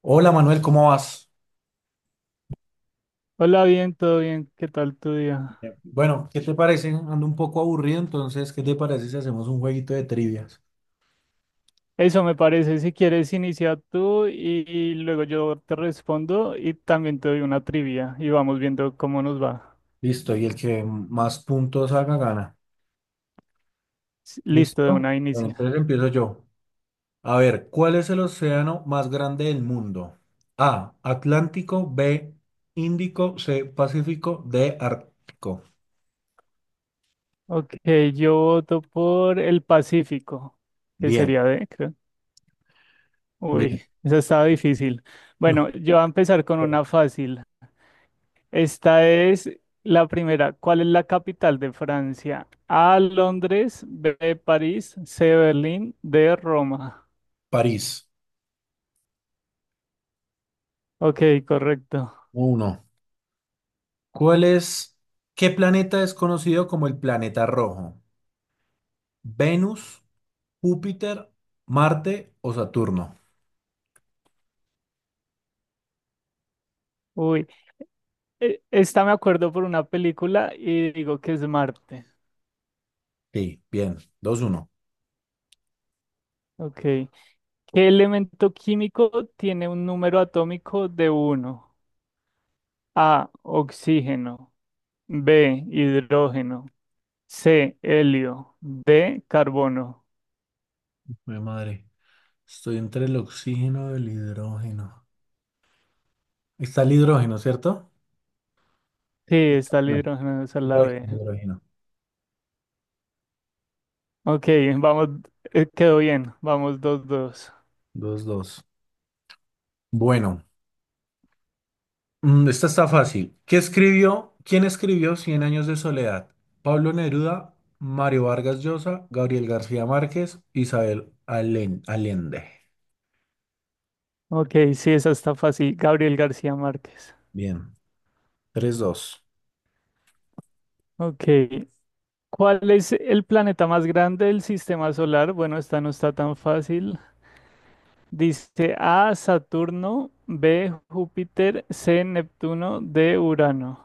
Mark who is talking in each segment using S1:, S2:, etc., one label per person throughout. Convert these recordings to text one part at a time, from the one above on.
S1: Hola Manuel, ¿cómo vas?
S2: Hola, bien, todo bien. ¿Qué tal tu día?
S1: Bien. Bueno, ¿qué te parece? Ando un poco aburrido, entonces, ¿qué te parece si hacemos un jueguito de trivias?
S2: Eso me parece. Si quieres, inicia tú y luego yo te respondo y también te doy una trivia y vamos viendo cómo nos va.
S1: Listo, y el que más puntos haga gana.
S2: Listo, de
S1: ¿Listo?
S2: una
S1: Bueno,
S2: inicia.
S1: entonces empiezo yo. A ver, ¿cuál es el océano más grande del mundo? A, Atlántico, B, Índico, C, Pacífico, D, Ártico.
S2: Ok, yo voto por el Pacífico, que
S1: Bien,
S2: sería de, creo.
S1: bien.
S2: Uy, esa estaba difícil.
S1: Ah,
S2: Bueno, yo voy a empezar con una fácil. Esta es la primera. ¿Cuál es la capital de Francia? A, Londres, B, París, C, Berlín, D, Roma.
S1: París,
S2: Ok, correcto.
S1: uno. ¿Cuál es, ¿Qué planeta es conocido como el planeta rojo? Venus. Júpiter, Marte o Saturno.
S2: Uy, esta me acuerdo por una película y digo que es Marte.
S1: Sí, bien. Dos uno.
S2: Ok. ¿Qué elemento químico tiene un número atómico de uno? A, oxígeno. B, hidrógeno. C, helio. D, carbono.
S1: Mi madre, estoy entre el oxígeno y el hidrógeno. Está el hidrógeno, ¿cierto?
S2: Sí, está el
S1: No,
S2: hidrógeno, esa es la
S1: hidrógeno,
S2: B.
S1: hidrógeno.
S2: Ok, vamos, quedó bien. Vamos, 2-2.
S1: Dos. 2. Bueno, esta está fácil. ¿Qué escribió? ¿Quién escribió Cien años de soledad? Pablo Neruda, Mario Vargas Llosa, Gabriel García Márquez, Isabel Allende.
S2: Ok, sí, esa está fácil. Gabriel García Márquez.
S1: Bien, tres dos.
S2: Ok. ¿Cuál es el planeta más grande del sistema solar? Bueno, esta no está tan fácil. Dice A, Saturno, B, Júpiter, C, Neptuno, D, Urano.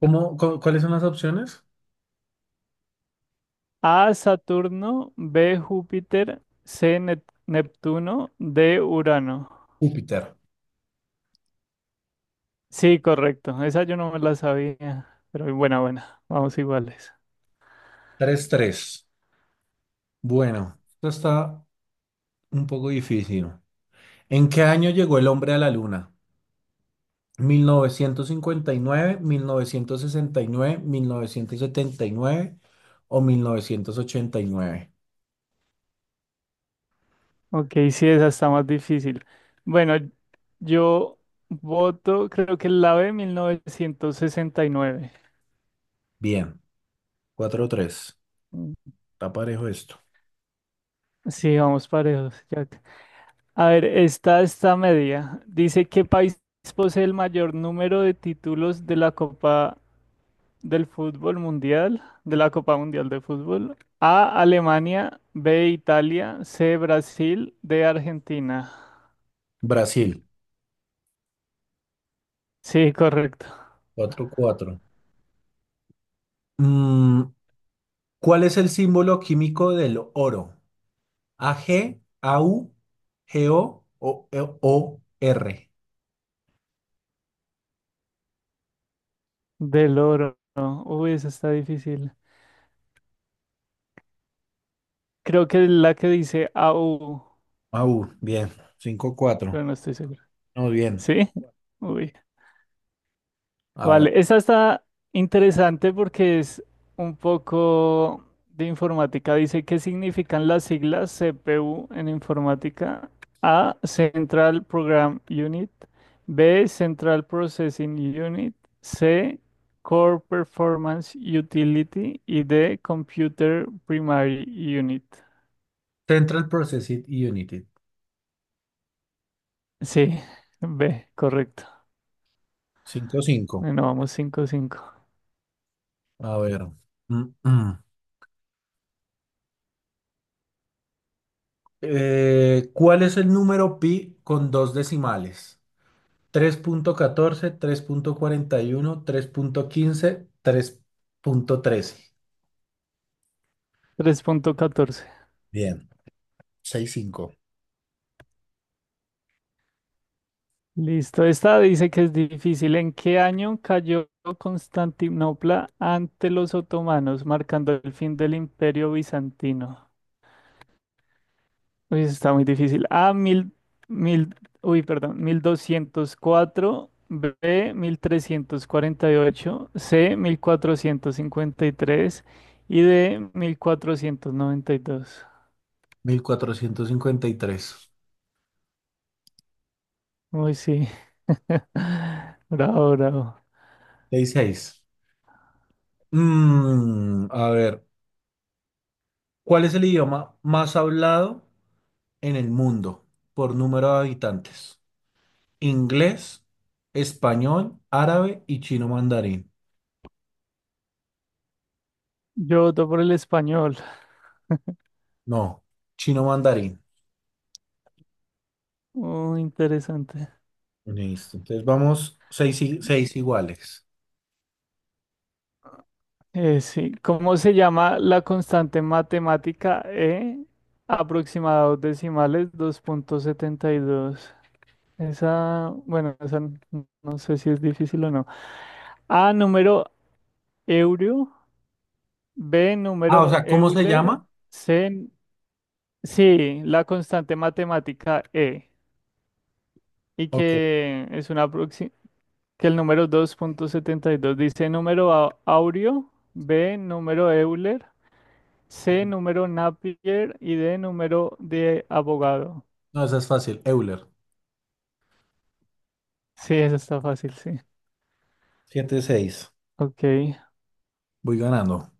S1: ¿Cuáles son las opciones?
S2: A, Saturno, B, Júpiter, C, Neptuno, D, Urano.
S1: Júpiter,
S2: Sí, correcto. Esa yo no me la sabía, pero buena, buena. Vamos iguales.
S1: tres tres. Bueno, esto está un poco difícil. ¿En qué año llegó el hombre a la luna? Mil novecientos cincuenta y nueve, 1969, nueve, sesenta setenta y nueve o 1989.
S2: Ok, sí, esa está más difícil. Bueno, yo voto, creo que la B, 1969.
S1: Bien, 4 tres. Está parejo esto.
S2: Sí, vamos parejos, Jack. A ver, esta está media. Dice, ¿qué país posee el mayor número de títulos de la Copa del Fútbol Mundial? De la Copa Mundial de Fútbol. A, Alemania, B, Italia, C, Brasil, D, Argentina.
S1: Brasil,
S2: Sí, correcto.
S1: 4 cuatro. Mm, ¿cuál es el símbolo químico del oro? ¿AG, AU, GO o R?
S2: Del oro. Uy, esa está difícil. Creo que es la que dice AU,
S1: AU, bien, 5 cuatro.
S2: pero no estoy seguro.
S1: Muy bien.
S2: ¿Sí? Uy.
S1: A ver.
S2: Vale, esa está interesante porque es un poco de informática. Dice, ¿qué significan las siglas CPU en informática? A, Central Program Unit. B, Central Processing Unit. C, Core Performance Utility. Y D, Computer Primary Unit.
S1: Central Processing Unit.
S2: Sí, B, correcto.
S1: Cinco cinco.
S2: Bueno, vamos 5-5
S1: A ver. Mm, mm. ¿Cuál es el número pi con dos decimales? tres tres tres punto catorce cuarenta y uno, tres punto quince, tres punto trece.
S2: 3,14.
S1: Bien,
S2: Listo, esta dice que es difícil. ¿En qué año cayó Constantinopla ante los otomanos, marcando el fin del Imperio Bizantino? Uy, eso está muy difícil. A, mil, 1204. B, 1348. C, 1453. Y D, 1492.
S1: 6-5. 1453.
S2: Uy, sí. Bravo, bravo.
S1: Seis. A ver, ¿cuál es el idioma más hablado en el mundo por número de habitantes? Inglés, español, árabe y chino mandarín.
S2: Yo voto por el español.
S1: No, chino mandarín.
S2: Muy interesante.
S1: Listo. Entonces vamos seis iguales.
S2: Sí, ¿cómo se llama la constante matemática E? Aproximados decimales 2,72. Esa, bueno, esa no sé si es difícil o no. A, número Eurio. B,
S1: Ah, o
S2: número
S1: sea, ¿cómo se
S2: Euler.
S1: llama?
S2: C, sí, la constante matemática E. Y
S1: Ok.
S2: que es una que el número 2,72 dice número Aurio, B, número Euler. C, número Napier y D, número de abogado.
S1: No, esa es fácil. Euler.
S2: Sí, eso está fácil, sí.
S1: Siete seis.
S2: Ok,
S1: Voy ganando.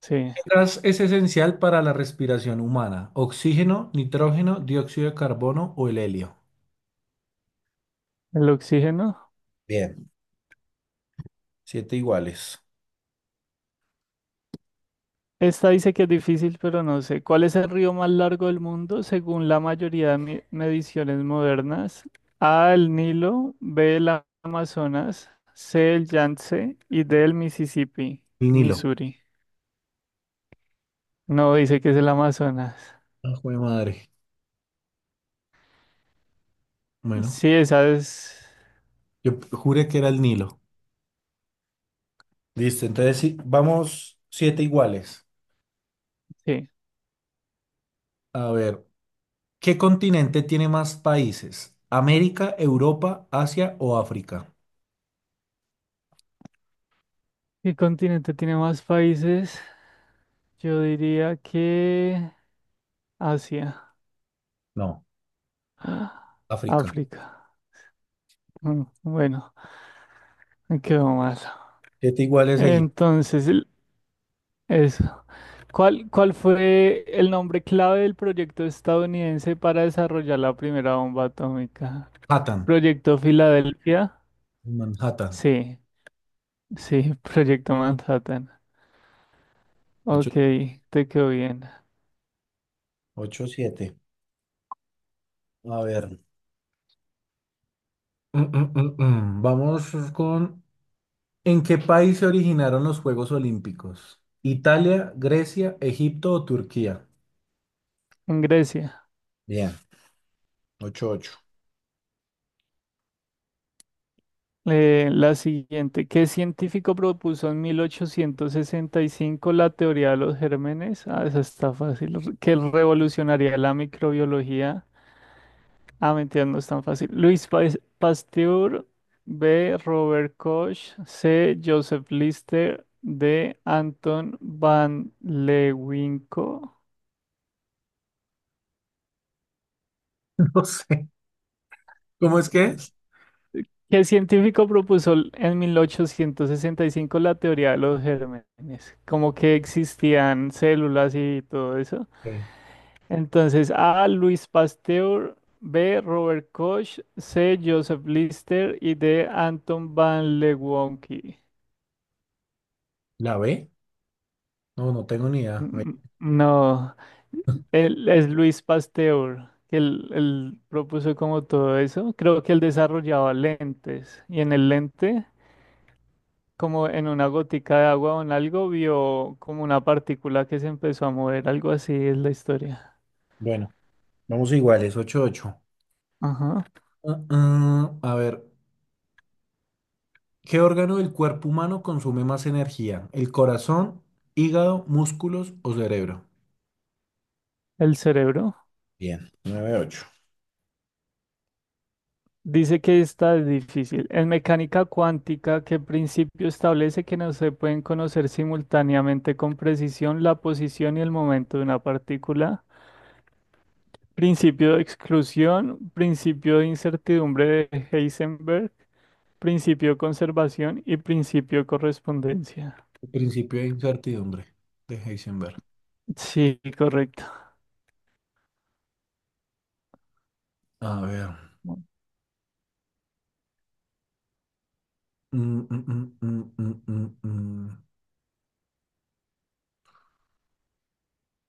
S2: sí.
S1: ¿Qué gas es esencial para la respiración humana? Oxígeno, nitrógeno, dióxido de carbono o el helio.
S2: El oxígeno.
S1: Bien. Siete iguales.
S2: Esta dice que es difícil, pero no sé. ¿Cuál es el río más largo del mundo según la mayoría de mediciones modernas? A, el Nilo, B, el Amazonas, C, el Yangtze y D, el Mississippi,
S1: El Nilo.
S2: Missouri. No, dice que es el Amazonas.
S1: Ah, jue madre. Bueno,
S2: Sí, esa es.
S1: yo juré que era el Nilo. Listo, entonces sí, vamos siete iguales.
S2: Sí.
S1: A ver, ¿qué continente tiene más países? ¿América, Europa, Asia o África?
S2: ¿Qué continente tiene más países? Yo diría que Asia,
S1: No, África.
S2: África. Mm. Bueno, me quedo más.
S1: Siete iguales seguidos.
S2: Entonces, eso. ¿Cuál fue el nombre clave del proyecto estadounidense para desarrollar la primera bomba atómica?
S1: Manhattan.
S2: ¿Proyecto Filadelfia?
S1: Manhattan.
S2: Sí, sí, Proyecto Manhattan.
S1: Ocho,
S2: Ok, te quedó bien.
S1: ocho, siete. A ver. Mm, mm, mm, mm. Vamos con... ¿En qué país se originaron los Juegos Olímpicos? ¿Italia, Grecia, Egipto o Turquía?
S2: En Grecia.
S1: Bien, ocho, ocho.
S2: La siguiente, ¿qué científico propuso en 1865 la teoría de los gérmenes? Ah, esa está fácil, que revolucionaría la microbiología. Ah, mentira, no es tan fácil. Luis Pasteur, B. Robert Koch, C. Joseph Lister, D. Anton van Leeuwenhoek.
S1: No sé. ¿Cómo es que es?
S2: ¿Qué científico propuso en 1865 la teoría de los gérmenes? Como que existían células y todo eso.
S1: Ok.
S2: Entonces, A. Luis Pasteur, B. Robert Koch, C. Joseph Lister y D. Anton van Leeuwenhoek.
S1: ¿La B? No, no tengo ni idea.
S2: Mm. No, él es Luis Pasteur, que él propuso como todo eso. Creo que él desarrollaba lentes y en el lente como en una gotica de agua o en algo, vio como una partícula que se empezó a mover, algo así es la historia.
S1: Bueno, vamos iguales, ocho ocho.
S2: Ajá.
S1: Ah, ah, a ver, ¿qué órgano del cuerpo humano consume más energía? ¿El corazón, hígado, músculos o cerebro?
S2: El cerebro.
S1: Bien, nueve ocho.
S2: Dice que está difícil. En mecánica cuántica, ¿qué principio establece que no se pueden conocer simultáneamente con precisión la posición y el momento de una partícula? Principio de exclusión, principio de incertidumbre de Heisenberg, principio de conservación y principio de correspondencia.
S1: El principio de incertidumbre de Heisenberg.
S2: Sí, correcto.
S1: A ver. mm, mm, mm, mm, mm, mm, mm.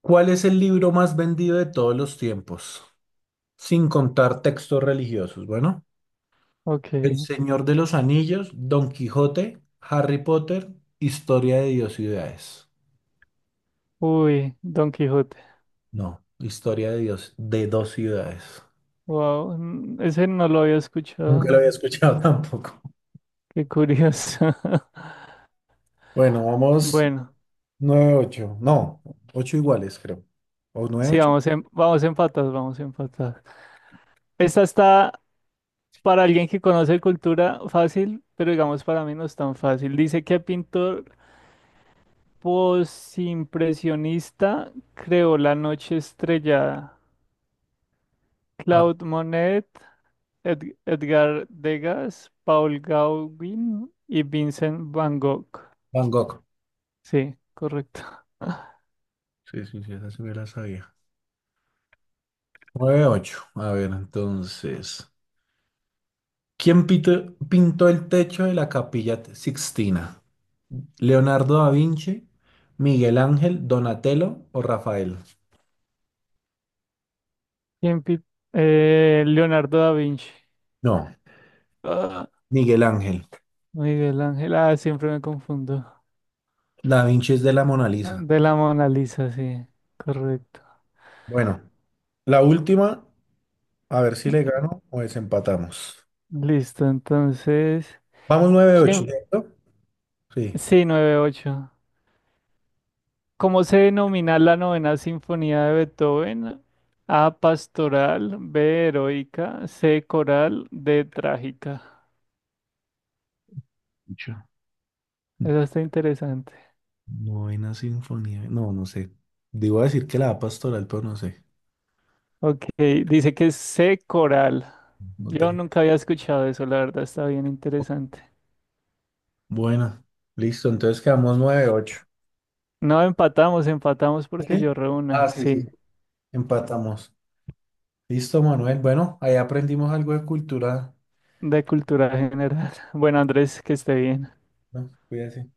S1: ¿Cuál es el libro más vendido de todos los tiempos? Sin contar textos religiosos. Bueno,
S2: Ok.
S1: El Señor de los Anillos, Don Quijote, Harry Potter, Historia de Dios y Ciudades.
S2: Uy, Don Quijote.
S1: No, historia de Dios, de dos ciudades.
S2: Wow, ese no lo había
S1: Nunca lo
S2: escuchado.
S1: había escuchado tampoco.
S2: Qué curioso.
S1: Bueno, vamos
S2: Bueno,
S1: nueve ocho. No, ocho iguales, creo. O nueve
S2: sí,
S1: ocho.
S2: vamos vamos empatados, vamos empatados. Esta está para alguien que conoce cultura fácil, pero digamos para mí no es tan fácil. Dice que pintor posimpresionista creó La Noche Estrellada.
S1: Ah,
S2: Claude Monet, Edgar Degas, Paul Gauguin y Vincent Van Gogh.
S1: Van Gogh.
S2: Sí, correcto.
S1: Sí, sí, sí, esa sí me la sabía. Nueve ocho. A ver, entonces. ¿Quién pintó el techo de la Capilla Sixtina? ¿Leonardo da Vinci, Miguel Ángel, Donatello o Rafael?
S2: ¿Quién pi- Leonardo da Vinci.
S1: No,
S2: Ah,
S1: Miguel Ángel.
S2: Miguel Ángel. Ah, siempre me confundo.
S1: Da Vinci es de la Mona
S2: Ah,
S1: Lisa.
S2: de la Mona Lisa, sí. Correcto.
S1: Bueno, la última. A ver si
S2: Y-
S1: le gano o desempatamos.
S2: Listo, entonces.
S1: Vamos nueve ocho.
S2: ¿Quién?
S1: ¿Cierto? Sí.
S2: Sí, 9-8. ¿Cómo se denomina la novena sinfonía de Beethoven? A, pastoral, B, heroica, C, coral, D, trágica.
S1: Mucho.
S2: Eso está interesante.
S1: Novena sinfonía. No, no sé. Digo a decir que la da pastoral, pero no sé.
S2: Ok, dice que es C, coral.
S1: No
S2: Yo
S1: tengo.
S2: nunca había escuchado eso, la verdad está bien interesante.
S1: Bueno, listo, entonces quedamos nueve ocho.
S2: No, empatamos, empatamos porque
S1: ¿Sí?
S2: yo
S1: Ah,
S2: reúna,
S1: sí, sí.
S2: sí,
S1: Empatamos. Listo, Manuel. Bueno, ahí aprendimos algo de cultura,
S2: de cultura general. Bueno, Andrés, que esté bien.
S1: ¿no? Cuídate.